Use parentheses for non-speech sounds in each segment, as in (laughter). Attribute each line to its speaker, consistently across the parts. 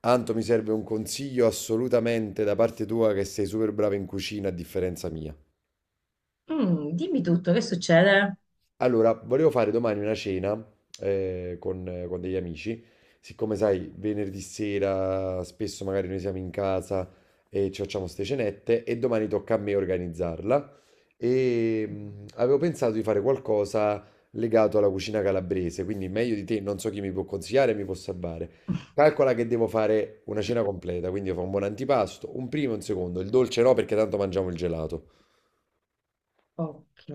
Speaker 1: Anto, mi serve un consiglio assolutamente da parte tua che sei super brava in cucina a differenza mia.
Speaker 2: Dimmi tutto, che succede?
Speaker 1: Allora, volevo fare domani una cena con degli amici. Siccome sai, venerdì sera spesso magari noi siamo in casa e ci facciamo ste cenette e domani tocca a me organizzarla. E avevo pensato di fare qualcosa legato alla cucina calabrese, quindi meglio di te, non so chi mi può consigliare, mi può salvare. Calcola che devo fare una cena completa, quindi io fa un buon antipasto, un primo e un secondo, il dolce no perché tanto mangiamo il gelato.
Speaker 2: Ok,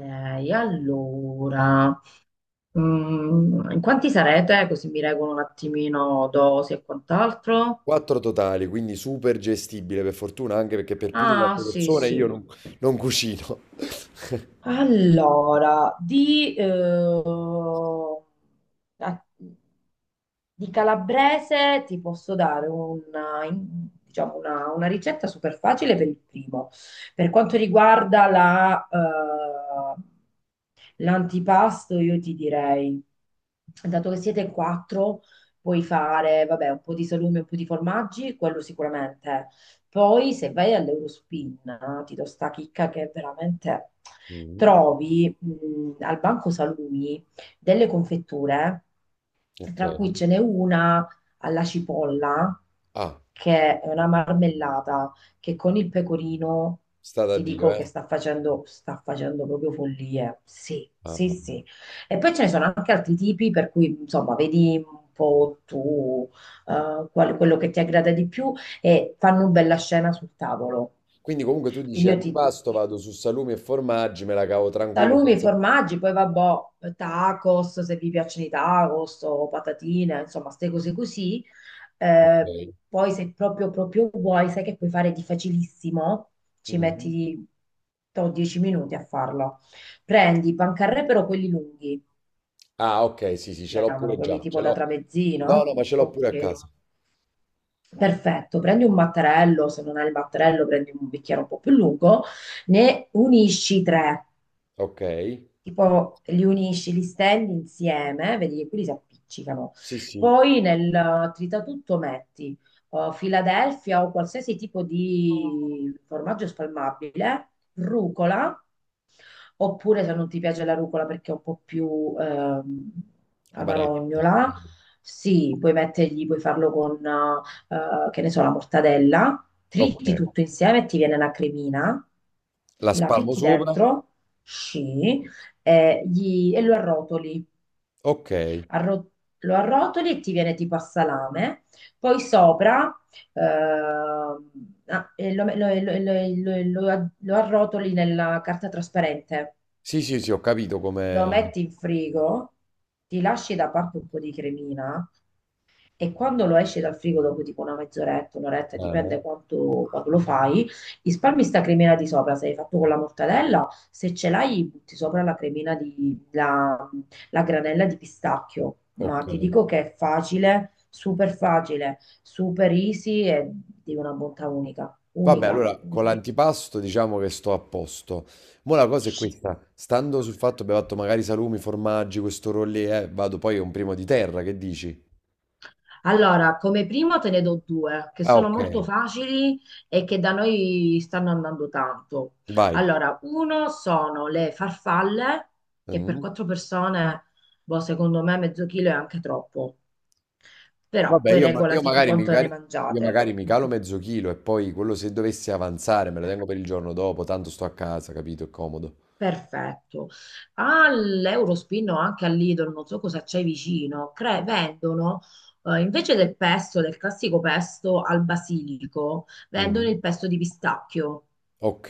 Speaker 2: allora, in quanti sarete? Così mi regolo un attimino dosi e quant'altro.
Speaker 1: Quattro totali, quindi super gestibile per fortuna, anche perché per più di
Speaker 2: Ah,
Speaker 1: quattro
Speaker 2: sì,
Speaker 1: persone io
Speaker 2: sì.
Speaker 1: non cucino. (laughs)
Speaker 2: Allora, a- di calabrese ti posso dare diciamo una ricetta super facile per il primo. Per quanto riguarda l'antipasto, io ti direi, dato che siete in quattro, puoi fare, vabbè, un po' di salume, un po' di formaggi, quello sicuramente. Poi se vai all'Eurospin, ti do sta chicca che veramente
Speaker 1: Mm,
Speaker 2: trovi al Banco Salumi delle confetture
Speaker 1: ok.
Speaker 2: tra cui ce n'è una alla cipolla,
Speaker 1: Ah,
Speaker 2: che è una marmellata che con il pecorino
Speaker 1: sta da
Speaker 2: ti
Speaker 1: Dio,
Speaker 2: dico
Speaker 1: eh.
Speaker 2: che sta facendo proprio follie. Sì,
Speaker 1: Ah,
Speaker 2: sì,
Speaker 1: ah.
Speaker 2: sì. E poi ce ne sono anche altri tipi, per cui insomma, vedi un po' tu quello che ti aggrada di più e fanno una bella scena sul tavolo.
Speaker 1: Quindi comunque tu dici
Speaker 2: Quindi io ti
Speaker 1: antipasto, vado su salumi e formaggi, me la cavo tranquillo
Speaker 2: Salumi,
Speaker 1: senza.
Speaker 2: formaggi, poi vabbè, tacos, se vi piacciono i tacos o patatine, insomma, queste cose così.
Speaker 1: Ok.
Speaker 2: Eh, poi se proprio, proprio vuoi, sai che puoi fare di facilissimo, ci
Speaker 1: Mm.
Speaker 2: metti 10 minuti a farlo. Prendi i pancarré, però quelli lunghi,
Speaker 1: Ah, ok, sì, sì, ce l'ho
Speaker 2: chiamano,
Speaker 1: pure
Speaker 2: quelli
Speaker 1: già,
Speaker 2: tipo
Speaker 1: ce
Speaker 2: da
Speaker 1: l'ho. No,
Speaker 2: tramezzino.
Speaker 1: no, ma ce l'ho pure a
Speaker 2: Ok.
Speaker 1: casa.
Speaker 2: Perfetto, prendi un mattarello, se non hai il mattarello prendi un bicchiere un po' più lungo, ne unisci tre.
Speaker 1: Ok.
Speaker 2: Tipo li unisci, li stendi insieme, vedi che quelli si appiccicano.
Speaker 1: Sì, sì,
Speaker 2: Poi nel tritatutto metti Philadelphia o qualsiasi tipo di formaggio spalmabile, rucola, oppure se non ti piace la rucola perché è un po' più
Speaker 1: amaretta.
Speaker 2: amarognola, sì, puoi mettergli, puoi farlo con che ne so, la mortadella,
Speaker 1: Ok.
Speaker 2: triti tutto insieme e ti viene la cremina,
Speaker 1: La
Speaker 2: la
Speaker 1: spalmo
Speaker 2: fitti
Speaker 1: sopra?
Speaker 2: dentro, sì, e lo arrotoli.
Speaker 1: Ok.
Speaker 2: Arro- Lo arrotoli e ti viene tipo a salame. Poi sopra ehm, e lo arrotoli nella carta trasparente.
Speaker 1: Sì, sì, sì, ho capito
Speaker 2: Lo
Speaker 1: come.
Speaker 2: metti in frigo, ti lasci da parte un po' di cremina e quando lo esci dal frigo dopo tipo una mezz'oretta, un'oretta,
Speaker 1: Eh.
Speaker 2: dipende quanto, quando lo fai, risparmi sta cremina di sopra, se l'hai fatto con la mortadella, se ce l'hai butti sopra la cremina di, la granella di pistacchio, ma
Speaker 1: Ok.
Speaker 2: ti dico che è facile, super easy e di una bontà unica,
Speaker 1: Vabbè,
Speaker 2: unica,
Speaker 1: allora con
Speaker 2: unica.
Speaker 1: l'antipasto diciamo che sto a posto. Mo' la cosa è
Speaker 2: Sì.
Speaker 1: questa, stando sul fatto che abbiamo fatto magari salumi, formaggi, questo rollè, vado poi a un primo di terra, che dici?
Speaker 2: Allora, come primo te ne do due che
Speaker 1: Ah,
Speaker 2: sono
Speaker 1: ok,
Speaker 2: molto facili e che da noi stanno andando tanto.
Speaker 1: vai.
Speaker 2: Allora, uno sono le farfalle, che per
Speaker 1: Mm.
Speaker 2: quattro persone, boh, secondo me mezzo chilo è anche troppo, però
Speaker 1: Vabbè,
Speaker 2: poi regolati tu quanto ne
Speaker 1: io
Speaker 2: mangiate.
Speaker 1: magari mi calo mezzo chilo e poi quello se dovessi avanzare me lo tengo per il giorno dopo, tanto sto a casa, capito? È comodo.
Speaker 2: Perfetto. All'Eurospin o anche all'Idol, non so cosa c'è vicino, vendono invece del pesto, del classico pesto al basilico, vendono
Speaker 1: Mm.
Speaker 2: il pesto di pistacchio.
Speaker 1: Ok,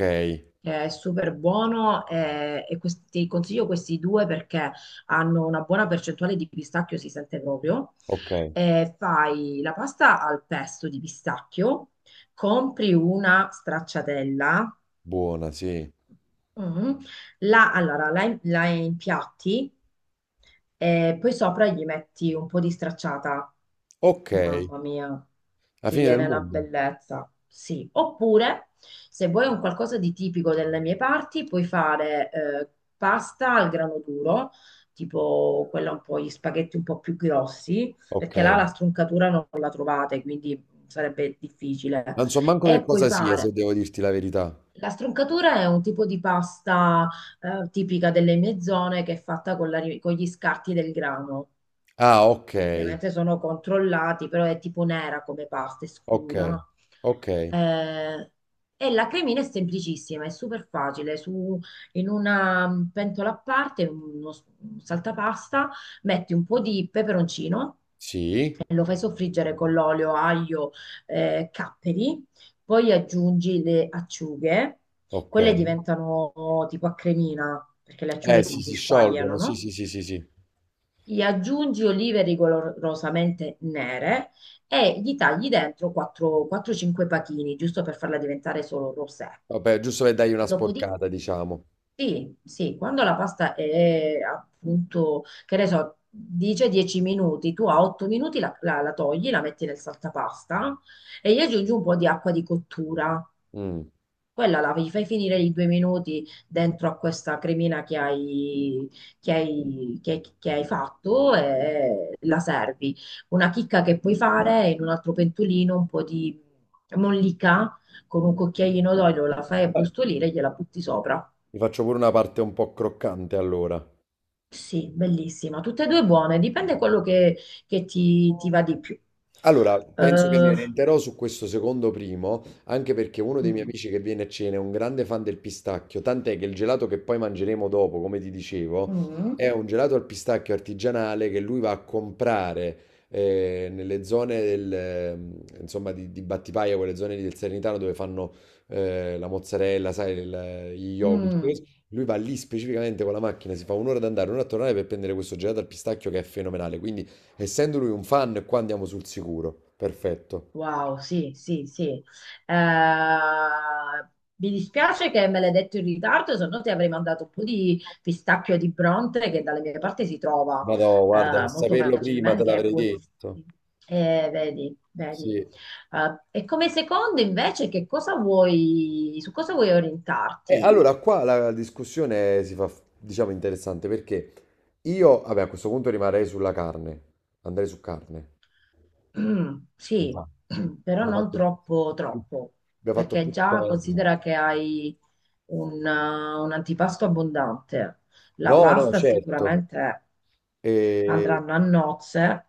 Speaker 2: Che è super buono e ti consiglio questi due perché hanno una buona percentuale di pistacchio, si sente proprio.
Speaker 1: ok,
Speaker 2: Fai la pasta al pesto di pistacchio, compri una stracciatella.
Speaker 1: buona, sì.
Speaker 2: Mm. Allora, la impiatti e poi sopra gli metti un po' di stracciata.
Speaker 1: Ok,
Speaker 2: Mamma mia,
Speaker 1: la
Speaker 2: ti
Speaker 1: fine del
Speaker 2: viene una
Speaker 1: mondo.
Speaker 2: bellezza. Sì, oppure se vuoi un qualcosa di tipico delle mie parti, puoi fare pasta al grano duro, tipo quella un po' gli spaghetti un po' più grossi,
Speaker 1: Ok.
Speaker 2: perché là la struncatura non la trovate, quindi sarebbe difficile.
Speaker 1: Non so manco che
Speaker 2: E puoi
Speaker 1: cosa sia, se
Speaker 2: fare
Speaker 1: devo dirti la verità.
Speaker 2: la stroncatura è un tipo di pasta tipica delle mie zone che è fatta con gli scarti del grano.
Speaker 1: Ah, ok,
Speaker 2: Ovviamente sono controllati, però è tipo nera come pasta, è
Speaker 1: ok,
Speaker 2: scura, no?
Speaker 1: ok,
Speaker 2: Eh, e la cremina è semplicissima, è super facile. Su, in una pentola a parte, un saltapasta, metti un po' di peperoncino
Speaker 1: sì,
Speaker 2: e lo fai soffriggere con l'olio, aglio, capperi, poi aggiungi le acciughe,
Speaker 1: ok.
Speaker 2: quelle diventano tipo a cremina, perché le acciughe
Speaker 1: Eh sì,
Speaker 2: si
Speaker 1: si
Speaker 2: squagliano,
Speaker 1: sciolgono, sì,
Speaker 2: no?
Speaker 1: sì, sì, sì, sì.
Speaker 2: Gli aggiungi olive rigorosamente nere e gli tagli dentro 4-5 pachini, giusto per farla diventare solo rosé.
Speaker 1: Vabbè, giusto per dargli una
Speaker 2: Dopodiché,
Speaker 1: sporcata, diciamo.
Speaker 2: sì, sì, quando la pasta è appunto, che ne so, dice 10 minuti, tu a 8 minuti la togli, la metti nel saltapasta e gli aggiungi un po' di acqua di cottura.
Speaker 1: Mm.
Speaker 2: Quella la gli fai finire i 2 minuti dentro a questa cremina che hai fatto e la servi. Una chicca che puoi fare è in un altro pentolino un po' di mollica con un cucchiaino d'olio, la fai
Speaker 1: Vabbè,
Speaker 2: abbrustolire e gliela butti sopra.
Speaker 1: mi faccio pure una parte un po' croccante allora.
Speaker 2: Sì, bellissima. Tutte e due buone, dipende quello che ti va di più.
Speaker 1: Allora, penso che mi
Speaker 2: Eh,
Speaker 1: orienterò su questo secondo primo, anche perché uno dei miei
Speaker 2: mm,
Speaker 1: amici che viene a cena è un grande fan del pistacchio, tant'è che il gelato che poi mangeremo dopo, come ti dicevo,
Speaker 2: mm,
Speaker 1: è un gelato al pistacchio artigianale che lui va a comprare nelle zone del, insomma, di Battipaglia, quelle zone lì del Salernitano dove fanno la mozzarella, sai, gli yogurt.
Speaker 2: mm.
Speaker 1: Lui va lì specificamente con la macchina, si fa un'ora ad andare, un'ora a tornare per prendere questo gelato al pistacchio che è fenomenale. Quindi essendo lui un fan, qua andiamo sul sicuro. Perfetto.
Speaker 2: Wow, sì, sì, sì. Eh, mi dispiace che me l'hai detto in ritardo, se no ti avrei mandato un po' di pistacchio di Bronte che dalle mie parti si trova
Speaker 1: Madò, guarda, a
Speaker 2: molto
Speaker 1: saperlo prima te
Speaker 2: facilmente, che è
Speaker 1: l'avrei
Speaker 2: buonissimo.
Speaker 1: detto.
Speaker 2: Vedi, vedi.
Speaker 1: Sì.
Speaker 2: E come secondo invece, che cosa vuoi, su cosa vuoi
Speaker 1: E
Speaker 2: orientarti?
Speaker 1: allora qua la discussione si fa, diciamo, interessante perché io, vabbè, a questo punto rimarrei sulla carne. Andrei su carne.
Speaker 2: Mm,
Speaker 1: Mi fa.
Speaker 2: sì, (clears throat) però
Speaker 1: Abbiamo
Speaker 2: non
Speaker 1: fatto
Speaker 2: troppo,
Speaker 1: più,
Speaker 2: troppo,
Speaker 1: abbiamo fatto
Speaker 2: perché
Speaker 1: più
Speaker 2: già
Speaker 1: terra.
Speaker 2: considera che hai un, eh, un antipasto abbondante. La
Speaker 1: No, no,
Speaker 2: pasta
Speaker 1: certo.
Speaker 2: sicuramente
Speaker 1: E
Speaker 2: andranno a nozze.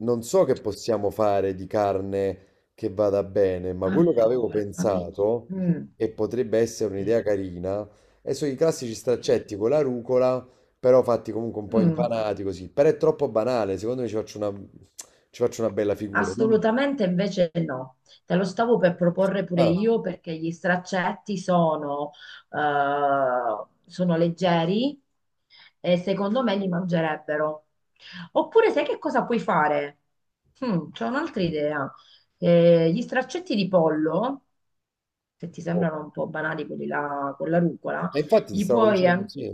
Speaker 1: non so che possiamo fare di carne che vada bene, ma quello che avevo
Speaker 2: Allora, fammi.
Speaker 1: pensato,
Speaker 2: Mm,
Speaker 1: e potrebbe essere
Speaker 2: sì,
Speaker 1: un'idea carina, è sono i classici
Speaker 2: sì.
Speaker 1: straccetti con la rucola, però fatti comunque un po'
Speaker 2: Mm.
Speaker 1: impanati così. Però è troppo banale, secondo me ci faccio una bella figura. Dimmi-
Speaker 2: Assolutamente invece no, te lo stavo per proporre pure
Speaker 1: Ah,
Speaker 2: io perché gli straccetti sono, sono leggeri e secondo me li mangerebbero. Oppure sai che cosa puoi fare? C'ho un'altra idea. Gli straccetti di pollo, se ti
Speaker 1: oh.
Speaker 2: sembrano un po' banali quelli là con la rucola,
Speaker 1: E infatti ti
Speaker 2: gli
Speaker 1: stavo
Speaker 2: puoi...
Speaker 1: dicendo
Speaker 2: an-
Speaker 1: sì.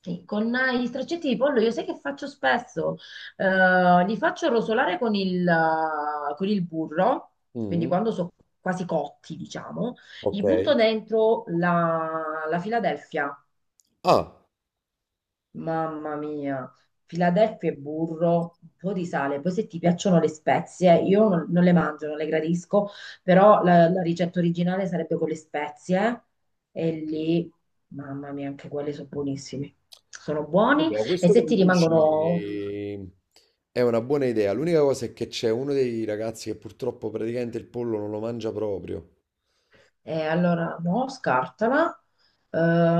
Speaker 2: Sì, (clears throat) Con gli straccetti di pollo io sai che faccio spesso? Li faccio rosolare con il burro, quindi
Speaker 1: Mm,
Speaker 2: quando sono quasi cotti, diciamo, gli
Speaker 1: ok.
Speaker 2: butto dentro la Philadelphia.
Speaker 1: Ah.
Speaker 2: Mamma mia, Philadelphia e burro, un po' di sale. Poi se ti piacciono le spezie, io non le mangio, non le gradisco, però la ricetta originale sarebbe con le spezie e lì, mamma mia, anche quelle sono buonissime. Sono buoni
Speaker 1: Allora,
Speaker 2: e
Speaker 1: questo che
Speaker 2: se
Speaker 1: mi
Speaker 2: ti
Speaker 1: dici
Speaker 2: rimangono.
Speaker 1: è una buona idea. L'unica cosa è che c'è uno dei ragazzi che purtroppo praticamente il pollo non lo mangia proprio.
Speaker 2: E allora, no, scartala. Eh,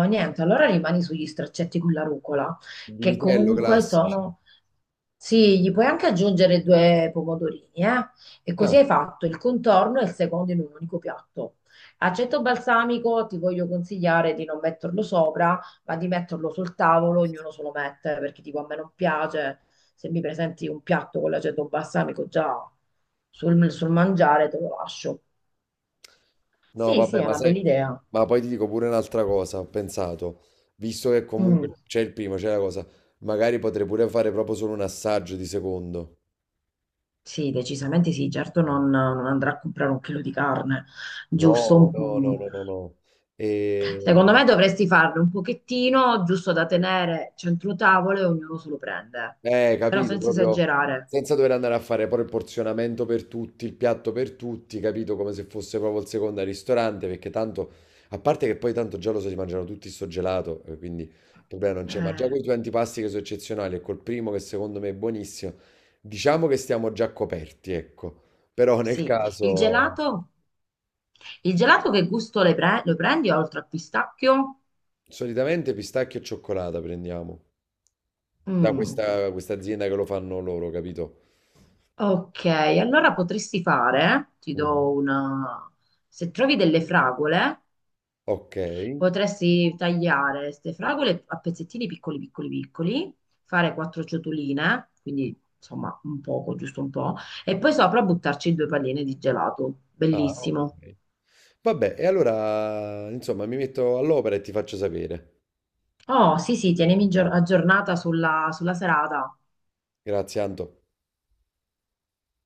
Speaker 2: niente, allora rimani sugli straccetti con la rucola,
Speaker 1: Di
Speaker 2: che
Speaker 1: vitello
Speaker 2: comunque
Speaker 1: classici.
Speaker 2: sono. Sì, gli puoi anche aggiungere due pomodorini, eh? E così
Speaker 1: Ah,
Speaker 2: hai fatto il contorno e il secondo in un unico piatto. Aceto balsamico, ti voglio consigliare di non metterlo sopra, ma di metterlo sul tavolo, ognuno se lo mette, perché tipo a me non piace, se mi presenti un piatto con l'aceto balsamico già sul mangiare, te lo lascio.
Speaker 1: no,
Speaker 2: Sì, sì,
Speaker 1: vabbè,
Speaker 2: è
Speaker 1: ma
Speaker 2: una bella
Speaker 1: sai,
Speaker 2: idea.
Speaker 1: ma poi ti dico pure un'altra cosa. Ho pensato, visto che
Speaker 2: Mm,
Speaker 1: comunque c'è il primo, c'è la cosa, magari potrei pure fare proprio solo un assaggio di secondo.
Speaker 2: sì, decisamente sì, certo non andrà a comprare un chilo di carne, giusto?
Speaker 1: No, no, no, no, no, no. E.
Speaker 2: Secondo me dovresti farne un pochettino, giusto da tenere centro tavolo e ognuno se lo prende, però
Speaker 1: Capito,
Speaker 2: senza
Speaker 1: proprio Mm.
Speaker 2: esagerare.
Speaker 1: Senza dover andare a fare poi il porzionamento per tutti, il piatto per tutti, capito, come se fosse proprio il secondo al ristorante, perché tanto, a parte che poi tanto già lo so, si mangiano tutti sto gelato, quindi il problema non c'è, ma già
Speaker 2: Eh,
Speaker 1: con i due antipasti che sono eccezionali e col primo che secondo me è buonissimo, diciamo che stiamo già coperti, ecco, però nel
Speaker 2: sì, il
Speaker 1: caso,
Speaker 2: gelato che gusto lo prendi oltre al pistacchio?
Speaker 1: solitamente pistacchio e cioccolata prendiamo, da
Speaker 2: Mm,
Speaker 1: questa azienda che lo fanno loro, capito?
Speaker 2: ok, allora potresti fare, ti
Speaker 1: Mm.
Speaker 2: do una. Se trovi delle fragole,
Speaker 1: Ok.
Speaker 2: potresti tagliare queste fragole a pezzettini piccoli, piccoli, piccoli, fare quattro ciotoline, quindi insomma un poco, giusto un po', e poi sopra buttarci due palline di gelato.
Speaker 1: Ah,
Speaker 2: Bellissimo.
Speaker 1: ok. Vabbè, e allora, insomma, mi metto all'opera e ti faccio sapere.
Speaker 2: Oh, sì, sì, tienimi aggiornata sulla serata.
Speaker 1: Grazie, Anto.